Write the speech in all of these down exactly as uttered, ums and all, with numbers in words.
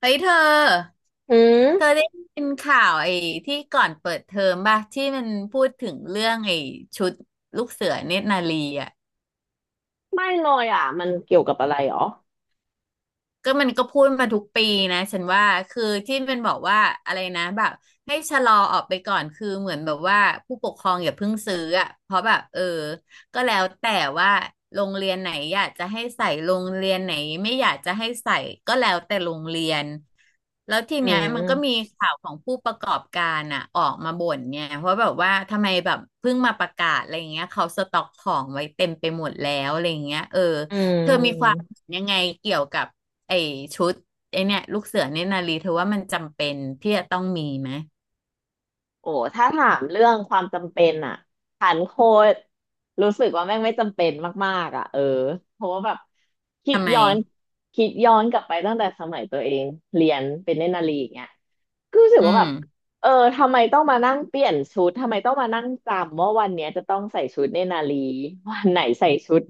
เฮ้ยเธอ อืมเธอได้ยินข่าวไอ้ที่ก่อนเปิดเทอมป่ะที่มันพูดถึงเรื่องไอ้ชุดลูกเสือเนตรนารีอ่ะ ไม่เลยอ่ะมันเกี่ยวกับอะไรหรอก็มันก็พูดมาทุกปีนะฉันว่าคือที่มันบอกว่าอะไรนะแบบให้ชะลอออกไปก่อนคือเหมือนแบบว่าผู้ปกครองอย่าเพิ่งซื้ออ่ะเพราะแบบเออก็แล้วแต่ว่าโรงเรียนไหนอยากจะให้ใส่โรงเรียนไหนไม่อยากจะให้ใส่ก็แล้วแต่โรงเรียนแล้วทีอืเนี้ยมันก็มีมข่าวของผู้ประกอบการอ่ะออกมาบ่นเนี่ยเพราะแบบว่าทำไมแบบเพิ่งมาประกาศอะไรอย่างเงี้ยเขาสต็อกของไว้เต็มไปหมดแล้วอะไรอย่างเงี้ยเอออืเธอมีความม เห็นยังไงเกี่ยวกับ ไอชุดไอเนี่ยลูกเสือเนตยนารีเธอว่ามันจำเป็นที่จะต้องมีไหมโอ้ถ้าถามเรื่องความจำเป็นอะผันโคตรรู้สึกว่าแม่งไม่จำเป็นมากๆอะเออเพราะว่าแบบคิดทำไมย้อนคิดย้อนกลับไปตั้งแต่สมัยตัวเองเรียนเป็นเนตรนารีอย่างเงี้ยก็รู้สึกอืว่ามแบบเออทำไมต้องมานั่งเปลี่ยนชุดทำไมต้องมานั่งจำว่าวันเนี้ยจะต้องใส่ชุดเนตรนารีวันไหนใส่ชุด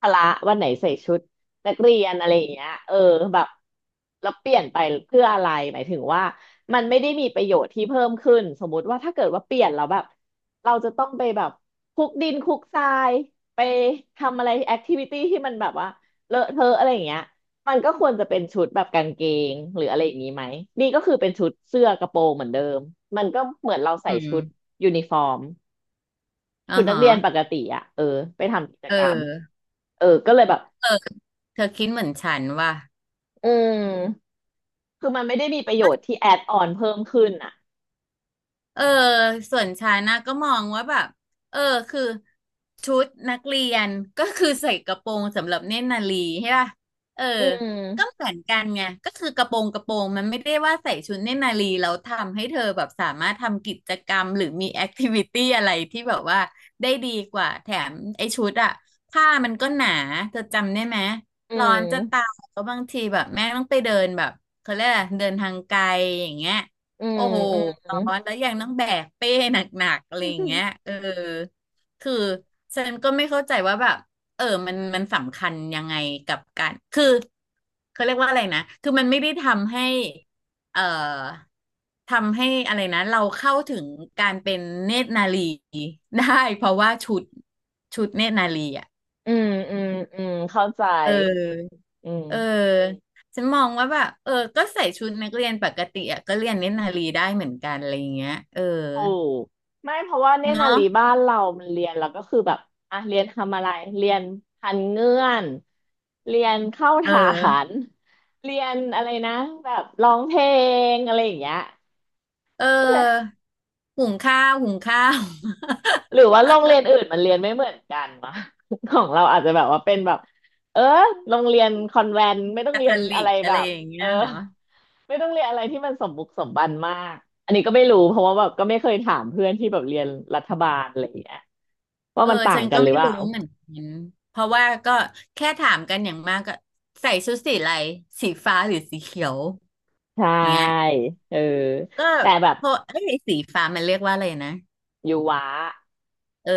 พละวันไหนใส่ชุดนักเรียนอะไรอย่างเงี้ยเออแบบแล้วเปลี่ยนไปเพื่ออะไรหมายถึงว่า มันไม่ได้มีประโยชน์ที่เพิ่มขึ้นสมมุติว่าถ้าเกิดว่าเปลี่ยนแล้วแบบเราจะต้องไปแบบคลุกดินคลุกทรายไปทำอะไรแอคทิวิตี้ที่มันแบบว่าเลอะเทอะอะไรอย่างเงี้ยมันก็ควรจะเป็นชุดแบบกางเกงหรืออะไรอย่างนี้ไหมนี่ก็คือเป็นชุดเสื้อกระโปรงเหมือนเดิมมันก็เหมือนเราใส่อืชุดมยูนิฟอร์มอ๋อชุดนักฮะเรียนปกติอ่ะเออไปทำกิจเอกรรมอเออก็เลยแบบเออเธอคิดเหมือนฉันว่ะ อืมคือมันไม่ได้มีประโยชน์ที่แอดออนเพิ่มขึ้นอ่ะเออส่วนฉันนะก็มองว่าแบบเออคือชุดนักเรียนก็คือใส่กระโปรงสำหรับเน่นนารีใช่ป่ะเอออืก็มเหมือนกันไงก็คือกระโปรงกระโปรงมันไม่ได้ว่าใส่ชุดเน่นนารีแล้วทำให้เธอแบบสามารถทำกิจกรรมหรือมีแอคทิวิตี้อะไรที่แบบว่าได้ดีกว่าแถมไอ้ชุดอะผ้ามันก็หนาเธอจำได้ไหมอืร้อนจะตาม ยแล้วบางทีแบบแม่ต้องไปเดินแบบเขาเรียกอะไรเดินทางไกลอย่างเงี้ย อืมโอ้โหอืมอืมร้อนแล้วยังต้องแบกเป้หนักๆอะไรอย่างเงี้ยเออคือฉันก็ไม่เข้าใจว่าแบบเออมันมันสำคัญยังไงกับการคือเขาเรียกว่าอะไรนะคือมันไม่ได้ทำให้เอ่อทำให้อะไรนะเราเข้าถึงการเป็นเนตรนารี ได้เพราะว่าชุดชุดเนตรนารีอ่ะอืมอืมเข้าใจเอออืมเออฉันมองว่าแบบเออก็ใส่ชุดนักเรียนปกติอ่ะก็เรียนเน้นนารีได้เหมือนกันอะไรอย่างเงี้ยเออ ถูกไม่เพราะว่าเนตรนาเนาะรีบ้านเรามันเรียนแล้วก็คือแบบอ่ะเรียนทำอะไรเรียนพันเงื่อนเรียนเข้าเอฐานอเรียนอะไรนะแบบร้องเพลงอะไรอย่างเงี้ย เออ หุงข้าว หุงข้าว หรือว่าโรงเรียนอื่นมันเรียนไม่เหมือนกันวะ ของเราอาจจะแบบว่าเป็นแบบเออโรงเรียนคอนแวนต์ไม่ต้องคาทเรียอนอะลิไรกอะแบไรบอย่างเอเงี้อยเหรอ ไม่ต้องเรียนอะไรที่มันสมบุกสมบันมากอันนี้ก็ไม่รู้เพราะว่าแบบก็ไม่เคยถามเพื่อนที่แบบเรียนรัฐบาลอะไรอย่างเงี้ยว่าเออ มันต่าฉังนกัก็นหรือไม่เปรู้ล่าเหมือนกัน เพราะว่าก็แค่ถามกันอย่างมากก็ใส่ชุดสีอะไรสีฟ้าหรือสีเขียวใช่เงี้ย เออก็แต่แบบพอเอ้ยสีฟ้ามันเรียกว่าอะไรนะ อยู่วะ เออ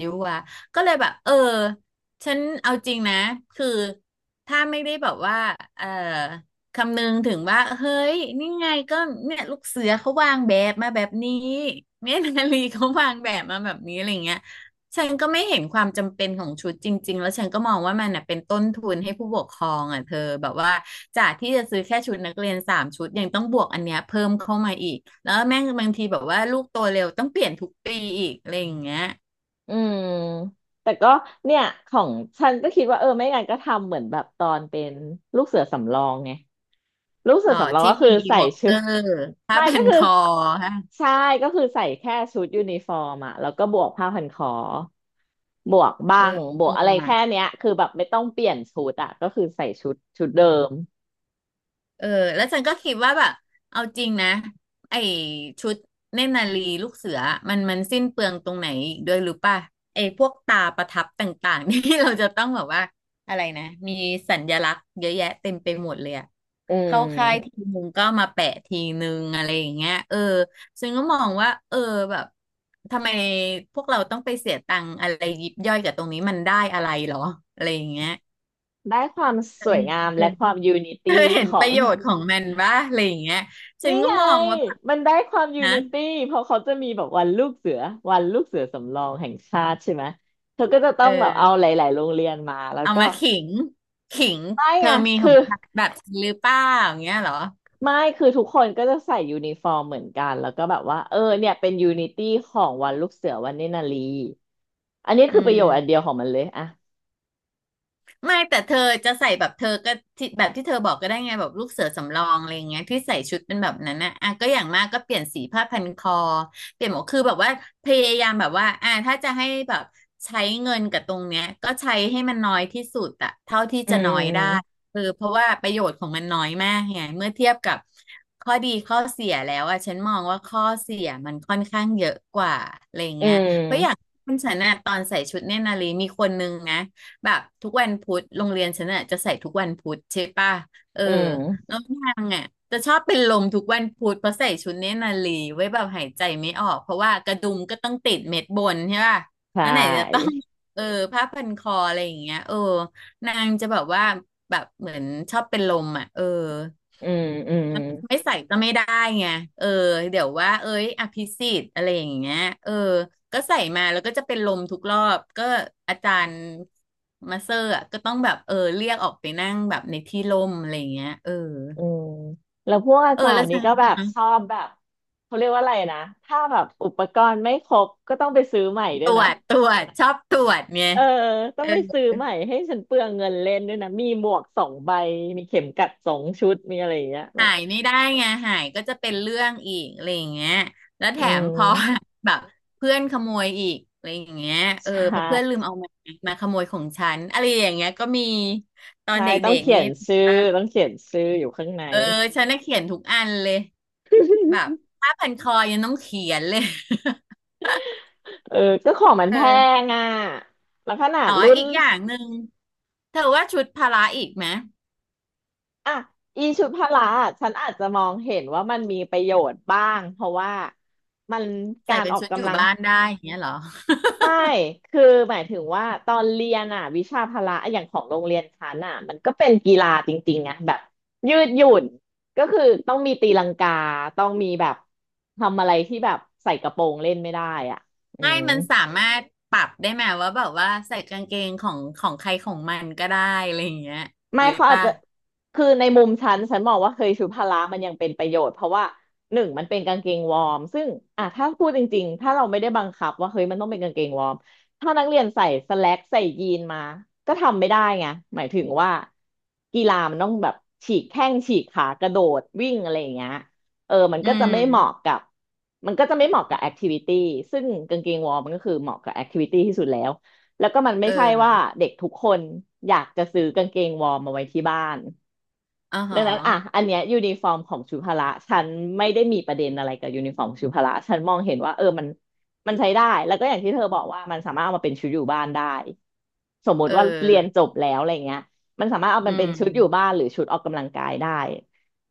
ยุวะก็เลยแบบเออฉันเอาจริงนะคือถ้าไม่ได้แบบว่าเออคำนึงถึงว่าเฮ้ยนี่ไงก็เนี่ยลูกเสือเขาวางแบบมาแบบนี้เมียนาลีเขาวางแบบมาแบบนี้อะไรเงี้ยฉันก็ไม่เห็นความจำเป็นของชุดจริงๆแล้วฉันก็มองว่ามันน่ะเป็นต้นทุนให้ผู้ปกครองอ่ะเธอแบบว่าจากที่จะซื้อแค่ชุดนักเรียนสามชุดยังต้องบวกอันเนี้ยเพิ่มเข้ามาอีกแล้วแม่งบางทีแบบว่าลูกโตเร็วต้องเปลี่ยนทุกปีอีกอะไรอย่างเงี้ย อืมแต่ก็เนี่ยของฉันก็คิดว่าเออไม่งั้นก็ทำเหมือนแบบตอนเป็นลูกเสือสำรองไงลูกเสืออ๋อสำรองที่ก็คืมีออีใส่วอ เค เกชุด อร์ ผ้าไม่พัก็นคืคออฮะใช่ก็คือใส่แค่ชุดยูนิฟอร์มอะแล้วก็บวกผ้าพันคอบวกเออบังบเอวกอะไรแค่อ เนี้ยคือแบบไม่ต้องเปลี่ยนชุดอะก็คือใส่ชุดชุดเดิมเออแล้วฉันก็คิดว่าแบบเอาจริงนะไอชุดเนตรนารีลูกเสือมันมันสิ้นเปลืองตรงไหนอีกด้วยหรือป่ะไอพวกตาประทับต่างๆ ที่เราจะต้องแบบว่าอะไรนะมีสัญลักษณ์เยอะแยะเต็มไปหมดเลยอะอืเข้าค่ายทีมนึงก็มาแปะทีนึงอะไรอย่างเงี้ยเออซึ่งก็มองว่าเออแบบทำไมพวกเราต้องไปเสียตังค์อะไรยิบย่อยกับตรงนี้มันได้อะไรหรออะไรอย่างเงี้ยได้ความเคสยวยมี งามและความยูนิเธตี้อเห็ขนอประง โยชน์ของมันบ้าอะไรอย่างเงี้ยฉันี่นก็ไงมองว่าแบบมันได้ความยูนะนิตี้เพราะเขาจะมีแบบวันลูกเสือวันลูกเสือสำรองแห่งชาติใช่ไหมเธอก็จะต้เอองแบบอเอาหลายๆโรงเรียนมาแล้วเอาก็มาขิงขิงไม่เธไงอมีขคือองฉันแบบฉันหรือเปล่าอย่างเงี้ยเหรอไม่คือทุกคนก็จะใส่ยูนิฟอร์มเหมือนกันแล้วก็แบบว่าเออเนี่ยเป็นยูนิตี้ของวันลูกเสือวันเนนารีอันนี้อืคือประโยม ชน์อันเดียวของมันเลยอะไม่แต่เธอจะใส่แบบเธอก็ที่แบบที่เธอบอกก็ได้ไงแบบลูกเสือสำรองอะไรอย่างเงี้ยที่ใส่ชุดเป็นแบบนั้นนะอ่ะก็อย่างมากก็เปลี่ยนสีผ้าพันคอเปลี่ยนหมวกคือแบบว่าพยายามแบบว่าอ่ะถ้าจะให้แบบใช้เงินกับตรงเนี้ยก็ใช้ให้มันน้อยที่สุดอะเท่าที่อืจะน้อยได้มคือเพราะว่าประโยชน์ของมันน้อยมากไงเมื่อเทียบกับข้อดีข้อเสียแล้วอะฉันมองว่าข้อเสียมันค่อนข้างเยอะกว่าอะไรอย่างอืเงี้ยเพราะอย่างมคุณฉันน่ะตอนใส่ชุดเนตรนารีมีคนนึงนะ แบบทุกวันพุธโรงเรียนฉันอ่ะจะใส่ทุกวันพุธใช่ป่ะเอออืมแล้วนางอ่ะจะชอบเป็นลมทุกวันพุธเพราะใส่ชุดเนตรนารีไว้แบบหายใจไม่ออกเพราะว่ากระดุมก็ต้องติดเม็ดบนใช่ป่ะใชแล้วไหนจะต้อง ่ เออผ้าพันคออะไรอย่างเงี้ยเออนางจะแบบว่าแบบเหมือนชอบเป็นลมอ่ะเอออืมอืม ไม่ใส่ก็ไม่ได้ไงเออเดี๋ยวว่าเอ้ยอภิสิทธิ์อะไรอย่างเงี้ยเออ ก็ใส่มาแล้วก็จะเป็นลมทุกรอบก็อาจารย์มาเซอร์อะก็ต้องแบบเออเรียกออกไปนั่งแบบในที่ร่มอะไรอย่างเงี้ยเอออืมแล้วพวกอาเออจารแล้วย์นี้ฉัก็นแบบชอบแบบเขาเรียกว่าอะไรนะถ้าแบบอุปกรณ์ไม่ครบก็ต้องไปซื้อใหม่ด้ตวยรวนะจตรวจชอบตรวจไงเออต้เอองอไปซื้อใหม่ให้ฉันเปลืองเงินเล่นด้วยนะมีหมวกสองใบมีเข็มกัดสองชุดมีอะไรอย่างเงี้ยแบหาบยไม่ได้ไงหายก็จะเป็นเรื่องอีกอะไรอย่างเงี้ยแล้วแถอืมพอ ม แบบเพื่อนขโมยอีกอะไรอย่างเงี้ยเออใช่เพอเพื่อนลืมเอามามาขโมยของฉันอะไรอย่างเงี้ยก็มีตอนใช่เดต้อ็งกเขีๆยนี้นชื่อต้องเขียนชื่ออยู่ข้างใน เออฉันน่ะเขียนทุกอันเลย แบบ ผ้าพันคอยังต้องเขียนเลย เออก็ของมันเอแพองอ่ะแล้วขนาดอ๋อรุ่น อีกอย่างหนึ่งเธอว่าชุดพละอีกไหมอ่ะอีชุดพละอ่ะฉันอาจจะมองเห็นว่ามันมีประโยชน์บ้างเพราะว่ามันใส่การเป็อนอกชุดอกำยู่ลังบ้านได้อย่างเงี้ยเหรอไม่คือหมายถึงว่าตอนเรียนอ่ะวิชาพละออย่างของโรงเรียนฉันอ่ะมันก็เป็นกีฬาจริงๆอ่ะแบบยืดหยุ่นก็คือต้องมีตีลังกาต้องมีแบบทำอะไรที่แบบใส่กระโปรงเล่นไม่ได้อ่ะอืไม่ม มันสามารถปรับได้ไหมว่าแบบว่าใส่กางเกงของของใครของมันก็ได้อะไรอย่างเงี้ยไม่หรือเขาอาจป่ะจะคือในมุมฉันฉันมองว่าเคยชุดพละมันยังเป็นประโยชน์เพราะว่าหนึ่งมันเป็นกางเกงวอร์มซึ่งอ่ะถ้าพูดจริงๆ ถ้าเราไม่ได้บังคับว่าเฮ้ยมันต้องเป็นกางเกงวอร์มถ้านักเรียนใส่สแล็กใส่ยีนมาก็ทำไม่ได้ไงหมายถึงว่ากีฬามันต้องแบบฉีกแข้งฉีกขากระโดดวิ่งอะไรอย่างเงี้ยเออมันอืก็จะไม่เหมาะมกับมันก็จะไม่เหมาะกับแอคทิวิตี้ซึ่งกางเกงวอร์มมันก็คือเหมาะกับแอคทิวิตี้ที่สุดแล้ว แล้วก็มันเไม่ใช่ว่าออเด็กทุกคนอยากจะซื้อกางเกงวอร์มมาไว้ที่บ้านอ๋อหดัองนั้นอ่ะอันเนี้ยยูนิฟอร์มของชุพละฉันไม่ได้มีประเด็นอะไรกับยูนิฟอร์มชุพละฉันมองเห็นว่าเออมันมันใช้ได้ แล้วก็อย่างที่เธอบอกว่ามันสามารถเอามาเป็นชุดอยู่บ้านได้สมมเออติว่าเรียนจบแล้วอะไรเงี้ยมันสามารถเอาอืมันเป็นชุดอยู่บ้าม นหรือชุดออกกำลังกายได้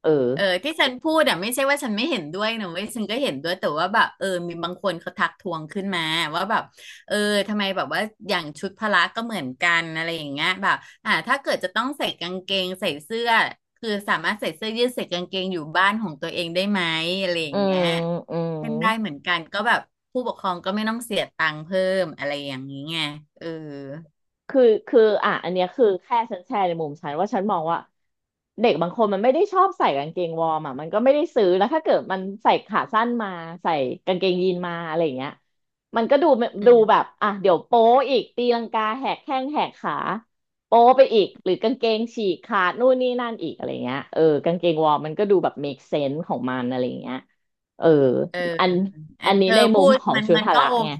เออเออที่ฉันพูดอ่ะไม่ใช่ว่าฉันไม่เห็นด้วยนะเว้ยฉันก็เห็นด้วยแต่ว่าแบบเออมีบางคนเขาทักท้วงขึ้นมาว่าแบบเออทำไมแบบว่าอย่างชุดพละก็เหมือนกันอะไรอย่างเงี้ยแบบอ่าถ้าเกิดจะต้องใส่กางเกงใส่เสื้อคือสามารถใส่เสื้อยืดใส่กางเกงอยู่บ้านของตัวเองได้ไหมอะไรออืย่างเงี้มยอืม เป็นได้เหมือนกันก็แบบผู้ปกครองก็ไม่ต้องเสียตังค์เพิ่มอะไรอย่างนี้ไงเออคือคืออ่ะอันเนี้ยคือแค่ฉันแชร์ในมุมฉันว่าฉันมองว่าเด็กบางคนมันไม่ได้ชอบใส่กางเกงวอร์มอ่ะมันก็ไม่ได้ซื้อแล้วถ้าเกิดมันใส่ขาสั้นมาใส่กางเกงยีนมาอะไรอย่างเงี้ยมันก็ดูอืดูแบมบอ่ะเดี๋ยวโป๊อีกตีลังกาแหกแข้งแหกขาโป๊ไปอีกหรือกางเกงฉีกขาดนู่นนี่นั่นอีกอะไรเงี้ยเออกางเกงวอร์มมันก็ดูแบบ make sense ของมันอะไร่เงี้ยเออเออ อันเอออันนี้เธอในมุพูมดของมันชุดมันพก็ละโอไงเค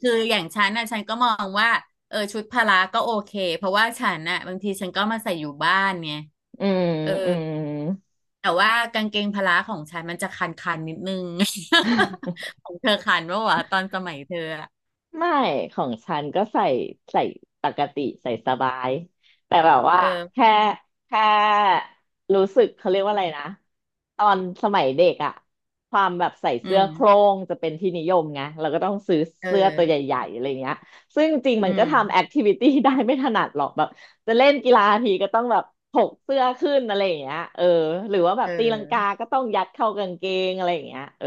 คืออย่างฉันน่ะฉันก็มองว่าเออชุดพละก็โอเคเพราะว่าฉันน่ะบางทีฉันก็มาใส่อยู่บ้านไงอืมเอออืม แต่ว่ากางเกงพละของฉันมันจะคันคันนิดนึง ของเธอคันปะวะตอนสมัยเธออะไม่ของฉันก็ใส่ใส่ปกติใส่สบายแต่แบบว่าเออแค่แค่รู้สึกเขาเรียกว่าอะไรนะตอนสมัยเด็กอะความแบบใส่อืเสื้อมโคร่งจะเป็นที่นิยมไงเราก็ต้องซื้อเออเสื้อตัวใหญ่ๆอะไรเงี้ยซึ่งจริงอืมันก็ทำแอมคทิวิตี้ ได้ไม่ถนัดหรอกแบบจะเล่นกีฬาทีก็ต้องแบบถกเสื้อขึ้นอะไรอย่างเงี้ยเออหรือว่าแบเบตีลังกาออก็ต้องยัดเข้ากางเกงอะไรอย่างเงี้ยเออ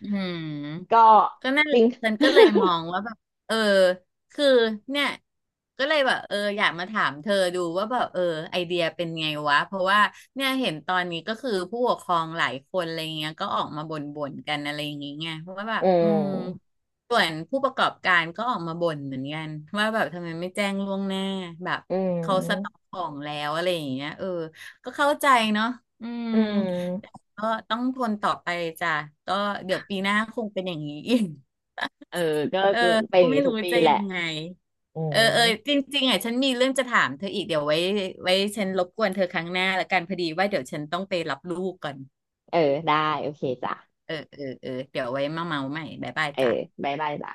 อืม ก็ก็นั่นแหจละริง ฉันก็เลย มองว่าแบบเออคือเนี่ยก็เลยแบบเอออยากมาถามเธอดูว่าแบบเออไอเดียเป็นไงวะเพราะว่าเนี่ยเห็นตอนนี้ก็คือผู้ปกครองหลายคนอะไรเงี้ยก็ออกมาบ่นๆกันอะไรอย่างเงี้ยไงเพราะว่าแบอืบอืมมส่วนผู้ประกอบการก็ออกมาบ่นเหมือนกันว่าแบบทำไมไม่แจ้งล่วงหน้าแบบอืเขาสต็อกมของแล้วอะไรอย่างเงี้ยเออก็เข้าใจเนาะอืมอืมก็ต้องทนต่อไปจ้ะก็เดี๋ยวปีหน้าคงเป็นอย่างนี้อีก เออก็เออเป็นอก็ย่างไม่นี้ทุรู้กปีจะแหยัละงไงอืเออเอมอจริงๆอ่ะฉันมีเรื่องจะถามเธออีกเดี๋ยวไว้ไว้ฉันรบกวนเธอครั้งหน้าละกันพอดีว่าเดี๋ยวฉันต้องไปรับลูกก่อนเออได้โอเคจ้ะเออเออเออเดี๋ยวไว้มาเมาใหม่บ๊ายบายเออจ้ะบ๊ายบายจ้ะ